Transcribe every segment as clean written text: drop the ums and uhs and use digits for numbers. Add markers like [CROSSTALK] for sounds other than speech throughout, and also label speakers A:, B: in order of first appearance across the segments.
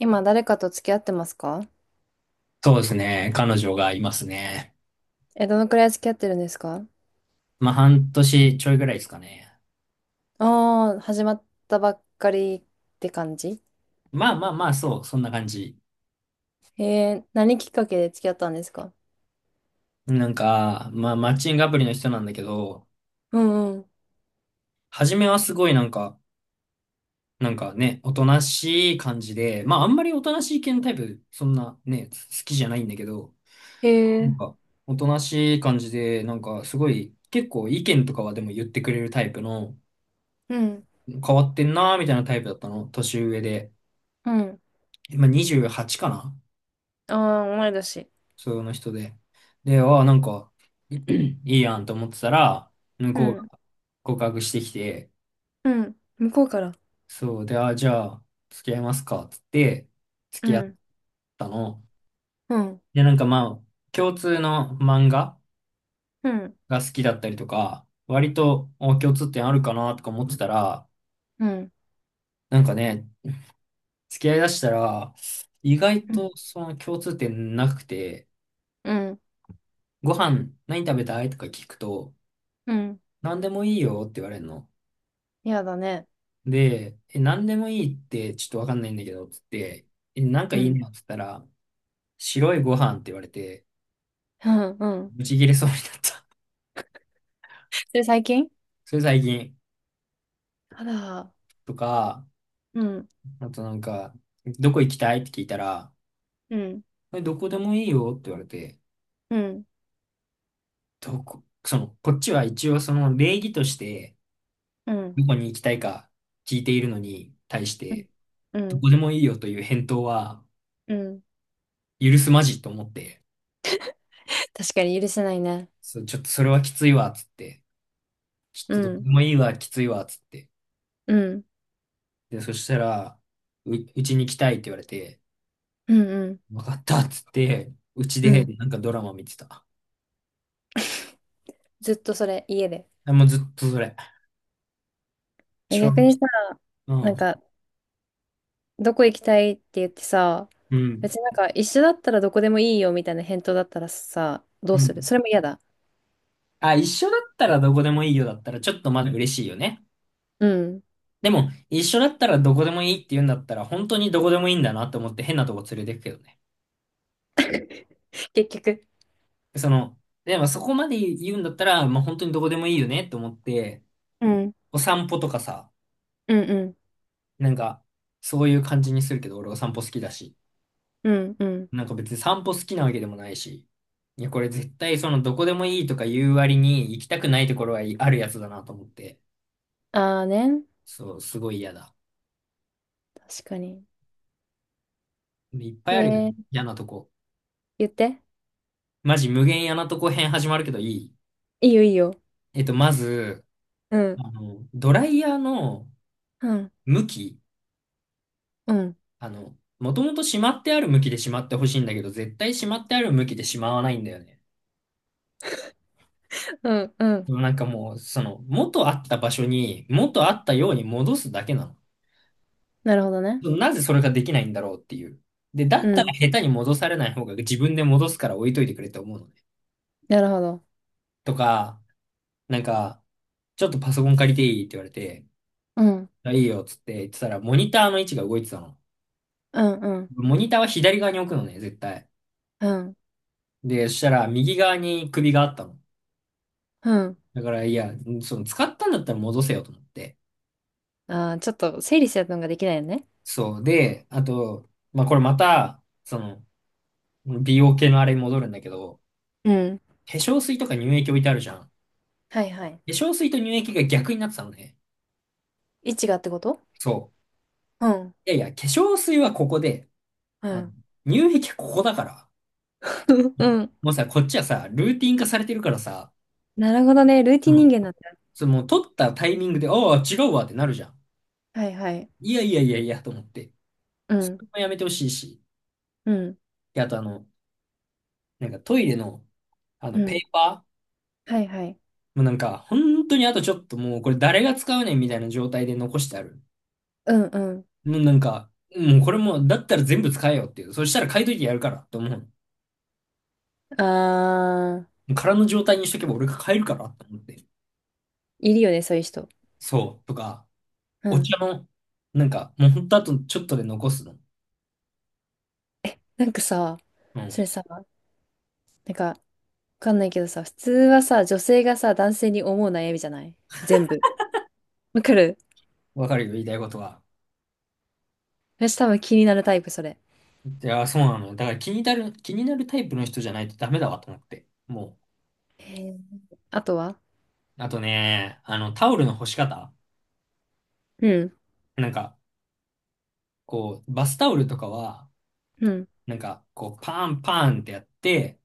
A: 今誰かと付き合ってますか？
B: そうですね。彼女がいますね。
A: え、どのくらい付き合ってるんですか？
B: まあ、半年ちょいぐらいですかね。
A: ああー、始まったばっかりって感じ？
B: まあまあまあ、そう、そんな感じ。
A: 何きっかけで付き合ったんですか？
B: なんか、まあ、マッチングアプリの人なんだけど、
A: うんうん。
B: 初めはすごいなんか、なんかね、おとなしい感じで、まあ、あんまりおとなしい系のタイプ、そんなね、好きじゃないんだけど、
A: へ
B: な
A: え、
B: んか、おとなしい感じで、なんか、すごい、結構意見とかはでも言ってくれるタイプの、
A: うん、
B: 変わってんなーみたいなタイプだったの、年上で。
A: うん。
B: 今28かな。
A: ああ、同い年。
B: その人で。で、ああ、なんか、[CLEARS THROAT] いいやんと思ってたら、向
A: う
B: こうが
A: ん、
B: 告白してきて、
A: うん。向こうから。
B: そう、で、ああ、じゃあ、付き合いますか、つって、
A: う
B: 付き合っ
A: ん、
B: たの。
A: うん、
B: で、なんかまあ、共通の漫画
A: うん、
B: が好きだったりとか、割と、お、共通点あるかな、とか思ってたら、
A: うん、
B: なんかね、付き合いだしたら、意外
A: うん、
B: とその共通点なくて、
A: うん。
B: ご飯何食べたいとか聞くと、
A: うん。
B: 何でもいいよって言われるの。
A: やだね。
B: で、え、何でもいいってちょっとわかんないんだけど、つって、え、なんか
A: う
B: いい
A: ん、
B: のっつったら、白いご飯って言われて、
A: うん、うん。
B: ブチ切れそうになった。
A: それ最近？
B: [LAUGHS] それ最近。
A: あら、
B: とか、
A: うん、
B: あとなんか、どこ行きたいって聞いたら、
A: うん、
B: えどこでもいいよって言われて、
A: うん、
B: どこ、その、こっちは一応その礼儀として、
A: うん、
B: どこに行きたいか聞いているのに対し
A: うん、
B: て、
A: う
B: ど
A: ん。
B: こでもいいよという返答は
A: うん。
B: 許すまじと思って、
A: 確かに許せないね。
B: そう、ちょっとそれはきついわ、つって、ちょっ
A: う
B: とどこ
A: ん
B: でもいいわ、きついわ、つって、
A: うん、
B: で、そしたら、うちに来たいって言われて、
A: うん、うん、
B: わかったっつって、うち
A: う
B: で、
A: ん。
B: なんかドラマ見てた。
A: ずっとそれ、家で。
B: あもうずっとそれ。
A: え、
B: 超、
A: 逆にさ、
B: う
A: なん
B: ん、
A: か、どこ行きたいって言ってさ、
B: うん、
A: 別になんか、一緒だったらどこでもいいよみたいな返答だったらさ、ど
B: う
A: うする？
B: ん。
A: それも嫌だ。
B: あ、一緒だったらどこでもいいよだったら、ちょっとまだ嬉しいよね。
A: うん。
B: でも、一緒だったらどこでもいいって言うんだったら、本当にどこでもいいんだなと思って変なとこ連れてくけどね。
A: [LAUGHS] 結局。
B: その、でもそこまで言うんだったら、まあ、本当にどこでもいいよねって思って、
A: うん、
B: お散歩とかさ、
A: うん、うん、
B: なんか、そういう感じにするけど、俺お散歩好きだし。
A: うん、うん。
B: なんか別に散歩好きなわけでもないし。いや、これ絶対そのどこでもいいとか言う割に行きたくないところはあるやつだなと思って。
A: あーね。
B: そう、すごい嫌だ。
A: 確かに。
B: いっぱい
A: へ
B: あるよね。
A: え、
B: 嫌なとこ。
A: 言って。
B: マジ無限嫌なとこ編始まるけどいい？
A: いいよ、いいよ。
B: まず、
A: うん、
B: あの、ドライヤーの
A: うん、
B: 向き、
A: うん、
B: あの、もともとしまってある向きでしまってほしいんだけど、絶対しまってある向きでしまわないんだよね。
A: うん、うん。
B: なんかもう、その、元あった場所に、元あったように戻すだけなの。
A: なるほどね。
B: なぜそれができないんだろうっていう。で、だ
A: う
B: ったら
A: ん、
B: 下手に戻されない方が自分で戻すから置いといてくれって思うのね。
A: なるほど。
B: とか、なんか、ちょっとパソコン借りていいって言われて、
A: うん、
B: あいいよっつって言ってたら、モニターの位置が動いてたの。
A: うん、うん、
B: モニターは左側に置くのね、絶対。
A: うん、
B: で、そしたら右側に首があったの。
A: うん。
B: だから、いや、その使ったんだったら戻せよと思って。
A: あー、ちょっと整理するのができないよね。
B: そう。で、あと、まあ、これまた、その、美容系のあれに戻るんだけど、
A: うん。
B: 化粧水とか乳液置いてあるじゃん。化
A: はいはい。
B: 粧水と乳液が逆になってたのね。
A: 位置がってこと？
B: そ
A: うん。
B: う。いやいや、化粧水はここで、
A: う
B: あの、
A: ん。
B: 乳液はここだから。
A: [LAUGHS]
B: う
A: う
B: ん
A: ん。
B: もうさ、こっちはさ、ルーティン化されてるからさ、
A: なるほどね。ルー
B: そ
A: ティン人
B: の、
A: 間なんだ。
B: その、取ったタイミングで、ああ、違うわってなるじゃん。
A: はいはい。
B: いやいやいやいや、と思って。
A: う
B: そ
A: ん。
B: れもやめてほしいし。
A: うん。
B: で、あとあの、なんかトイレの、あ
A: う
B: の、ペ
A: ん。
B: ーパー
A: はいはい。
B: もうなんか、本当にあとちょっともう、これ誰が使うねんみたいな状態で残してある。
A: うんう
B: もうなんか、もうこれも、だったら全部使えよっていう。そしたら買いといてやるから、と思う。
A: ん。あー、
B: 空の状態にしとけば俺が買えるから、と思って。
A: いるよね、そういう人。
B: そう。とか、
A: う
B: お
A: ん。
B: 茶の、なんか、もうほんとあとちょっとで残すの。
A: なんかさ、
B: う
A: そ
B: ん。
A: れさ、なんか、わかんないけどさ、普通はさ、女性がさ、男性に思う悩みじゃない？全部。わかる？
B: わかるよ、言いたいことは。
A: 私多分気になるタイプ、それ。
B: いや、そうなのよ。だから気になるタイプの人じゃないとダメだわと思って。も
A: へー。あとは？
B: う。あとね、あの、タオルの干し方。
A: うん。
B: なんか、こう、バスタオルとかは、
A: うん。
B: なんか、こう、パンパンってやって、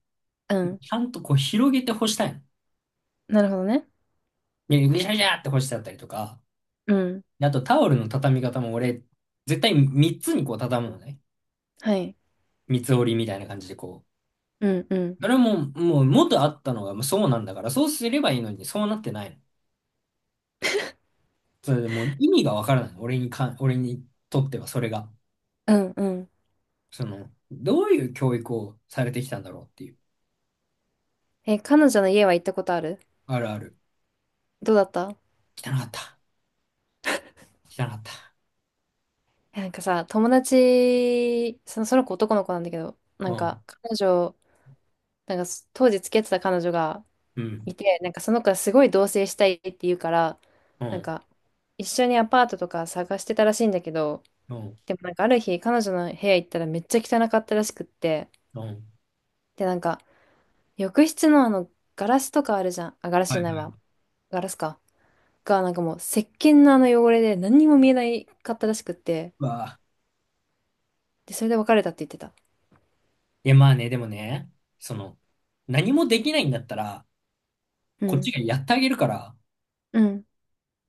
A: うん。
B: ちゃんとこう、広げて干したいの。
A: なるほどね。
B: ね、ぐしゃぐしゃって干してあったりとか。
A: うん。
B: であと、タオルの畳み方も俺、絶対3つにこう、畳むのね。
A: はい。
B: 三つ折りみたいな感じでこう。
A: うんうん。
B: それはもう、もう元あったのがもうそうなんだから、そうすればいいのに、そうなってないの。それでもう意味がわからない。俺にとってはそれが。
A: うんうん。
B: その、どういう教育をされてきたんだろうっていう。
A: え、彼女の家は行ったことある？
B: あるある。
A: どうだった？
B: 汚かった。汚かった。
A: え、なんかさ、友達、その、その子男の子なんだけど、な
B: う
A: んか
B: ん。
A: 彼女、なんか当時付き合ってた彼女が
B: うん。
A: いて、なんかその子がすごい同棲したいって言うから、
B: う
A: なん
B: ん。
A: か一緒にアパートとか探してたらしいんだけど、
B: うん。
A: でもなんかある日彼女の部屋行ったらめっちゃ汚かったらしくって、
B: うん
A: で、なんか浴室のあのガラスとかあるじゃん。あ、ガラス
B: は
A: じ
B: い
A: ゃない
B: はい。
A: わ。ガラスか。が、なんかもう石鹸のあの汚れで何にも見えないかったらしくって、
B: うわあ。
A: で、それで別れたって言ってた。
B: いや、まあね、でもね、その、何もできないんだったら、
A: う
B: こっ
A: ん、
B: ちがやってあげるから、
A: うん、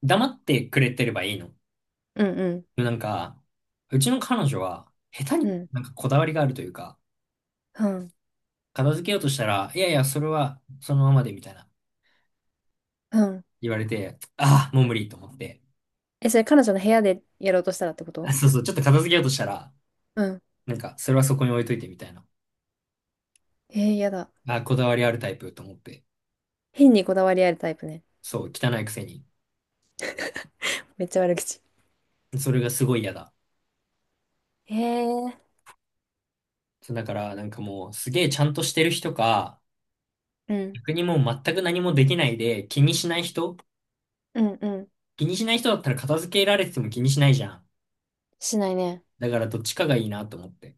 B: 黙ってくれてればいいの。
A: うん、うん、
B: なんか、うちの彼女は、下手
A: う
B: に
A: ん、
B: なんかこだわりがあるというか、
A: うん、
B: 片付けようとしたら、いやいや、それはそのままでみたいな
A: うん。
B: 言われて、ああ、もう無理と思って。
A: え、それ彼女の部屋でやろうとしたらってこと？
B: あ、そうそう、ちょっと片付けようとしたら、
A: うん。
B: なんか、それはそこに置いといてみたいな。
A: えー、やだ。
B: あこだわりあるタイプと思って。
A: 変にこだわりあるタイプね。
B: そう、汚いくせに。
A: めっちゃ悪口。
B: それがすごい嫌だ。
A: へえ。
B: そうだから、なんかもう、すげえちゃんとしてる人か、
A: うん、
B: 逆にもう全く何もできないで、気にしない人。
A: うん、うん。
B: 気にしない人だったら片付けられてても気にしないじゃん。
A: しないね。
B: だからどっちかがいいなと思って。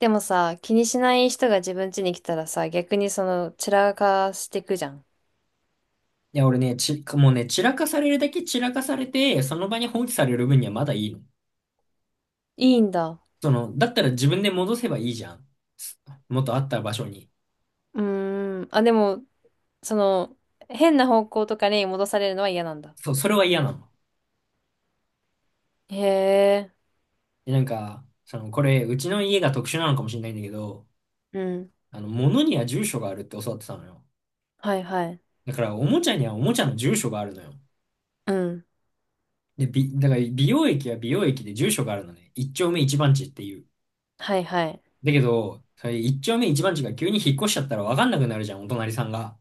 A: でもさ、気にしない人が自分家に来たらさ、逆にその、散らかしてくじゃん。
B: いや、俺ね、もうね、散らかされるだけ散らかされて、その場に放置される分にはまだいいの。
A: いいんだ。
B: その、だったら自分で戻せばいいじゃん。す元あった場所に。
A: うーん。あ、でも、その、変な方向とかに戻されるのは嫌なんだ。
B: そう、それは嫌なの。
A: へえ。
B: で、なんか、その、これ、うちの家が特殊なのかもしれないんだけど、
A: うん。
B: あの、物には住所があるって教わってたのよ。
A: はいはい。
B: だから、おもちゃにはおもちゃの住所があるのよ。
A: うん。
B: で、だから、美容液は美容液で住所があるのね。一丁目一番地っていう。
A: はいはい。
B: だけど、それ一丁目一番地が急に引っ越しちゃったらわかんなくなるじゃん、お隣さんが。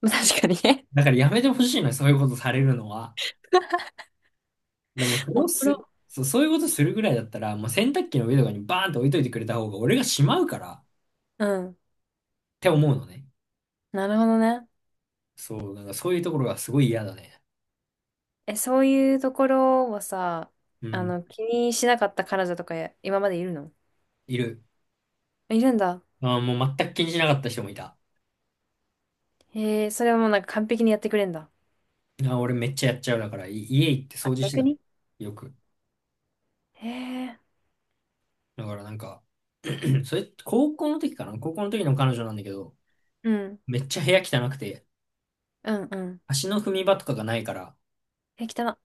A: まあ確かにね。
B: だからやめてほしいのよ、そういうことされるのは。でも、そ
A: [LAUGHS]
B: れ
A: お
B: を
A: も
B: す、
A: ろ。
B: そう、そういうことするぐらいだったら、もう洗濯機の上とかにバーンと置いといてくれた方が俺がしまうからっ
A: うん。
B: て思うのね。
A: なるほどね。
B: そう、なんかそういうところがすごい嫌だね。
A: え、そういうところはさ、
B: う
A: あ
B: ん、
A: の、気にしなかった彼女とかや今までいるの？
B: いる。
A: いるんだ。
B: ああもう全く気にしなかった人もいた。あ
A: へえ、それはもうなんか完璧にやってくれんだ。
B: あ俺めっちゃやっちゃうだから、家行って掃
A: あ、
B: 除して
A: 逆
B: たも
A: に？
B: ん。よく。
A: へえ、
B: だからなんか、[CLEARS THROAT] それ、高校の時かな。高校の時の彼女なんだけど、
A: うん。
B: めっちゃ部屋汚くて、
A: うんうん。
B: 足の踏み場とかがないから、
A: え、汚な。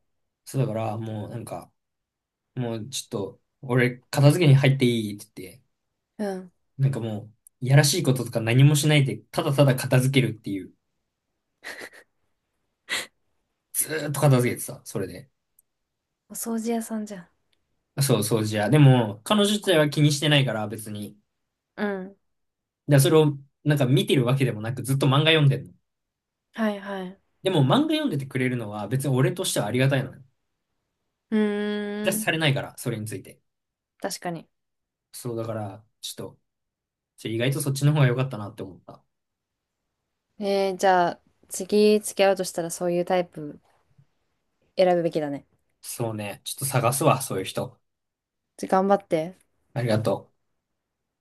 B: そうだからもうなんか、もうちょっと、俺片付けに入っていいって言って、
A: うん。
B: なんかもう、いやらしいこととか何もしないで、ただただ片付けるっていう。ずーっと片付けてた、それで。
A: お掃除屋さんじゃん。
B: そう、掃除や。でも、彼女自体は気にしてないから、別に。
A: うん。
B: で、それを、なんか見てるわけでもなく、ずっと漫画読んでんの。
A: はいはい。
B: でも、漫画読んでてくれるのは、別に俺としてはありがたいのね。
A: う
B: 出
A: ー
B: し
A: ん。
B: されないから、それについて。
A: 確かに。
B: そう、だから、ちょっと、意外とそっちの方が良かったなって思った。
A: じゃあ、次付き合うとしたらそういうタイプ選ぶべきだね。
B: そうね。ちょっと探すわ、そういう人。
A: 頑張って。
B: ありがとう。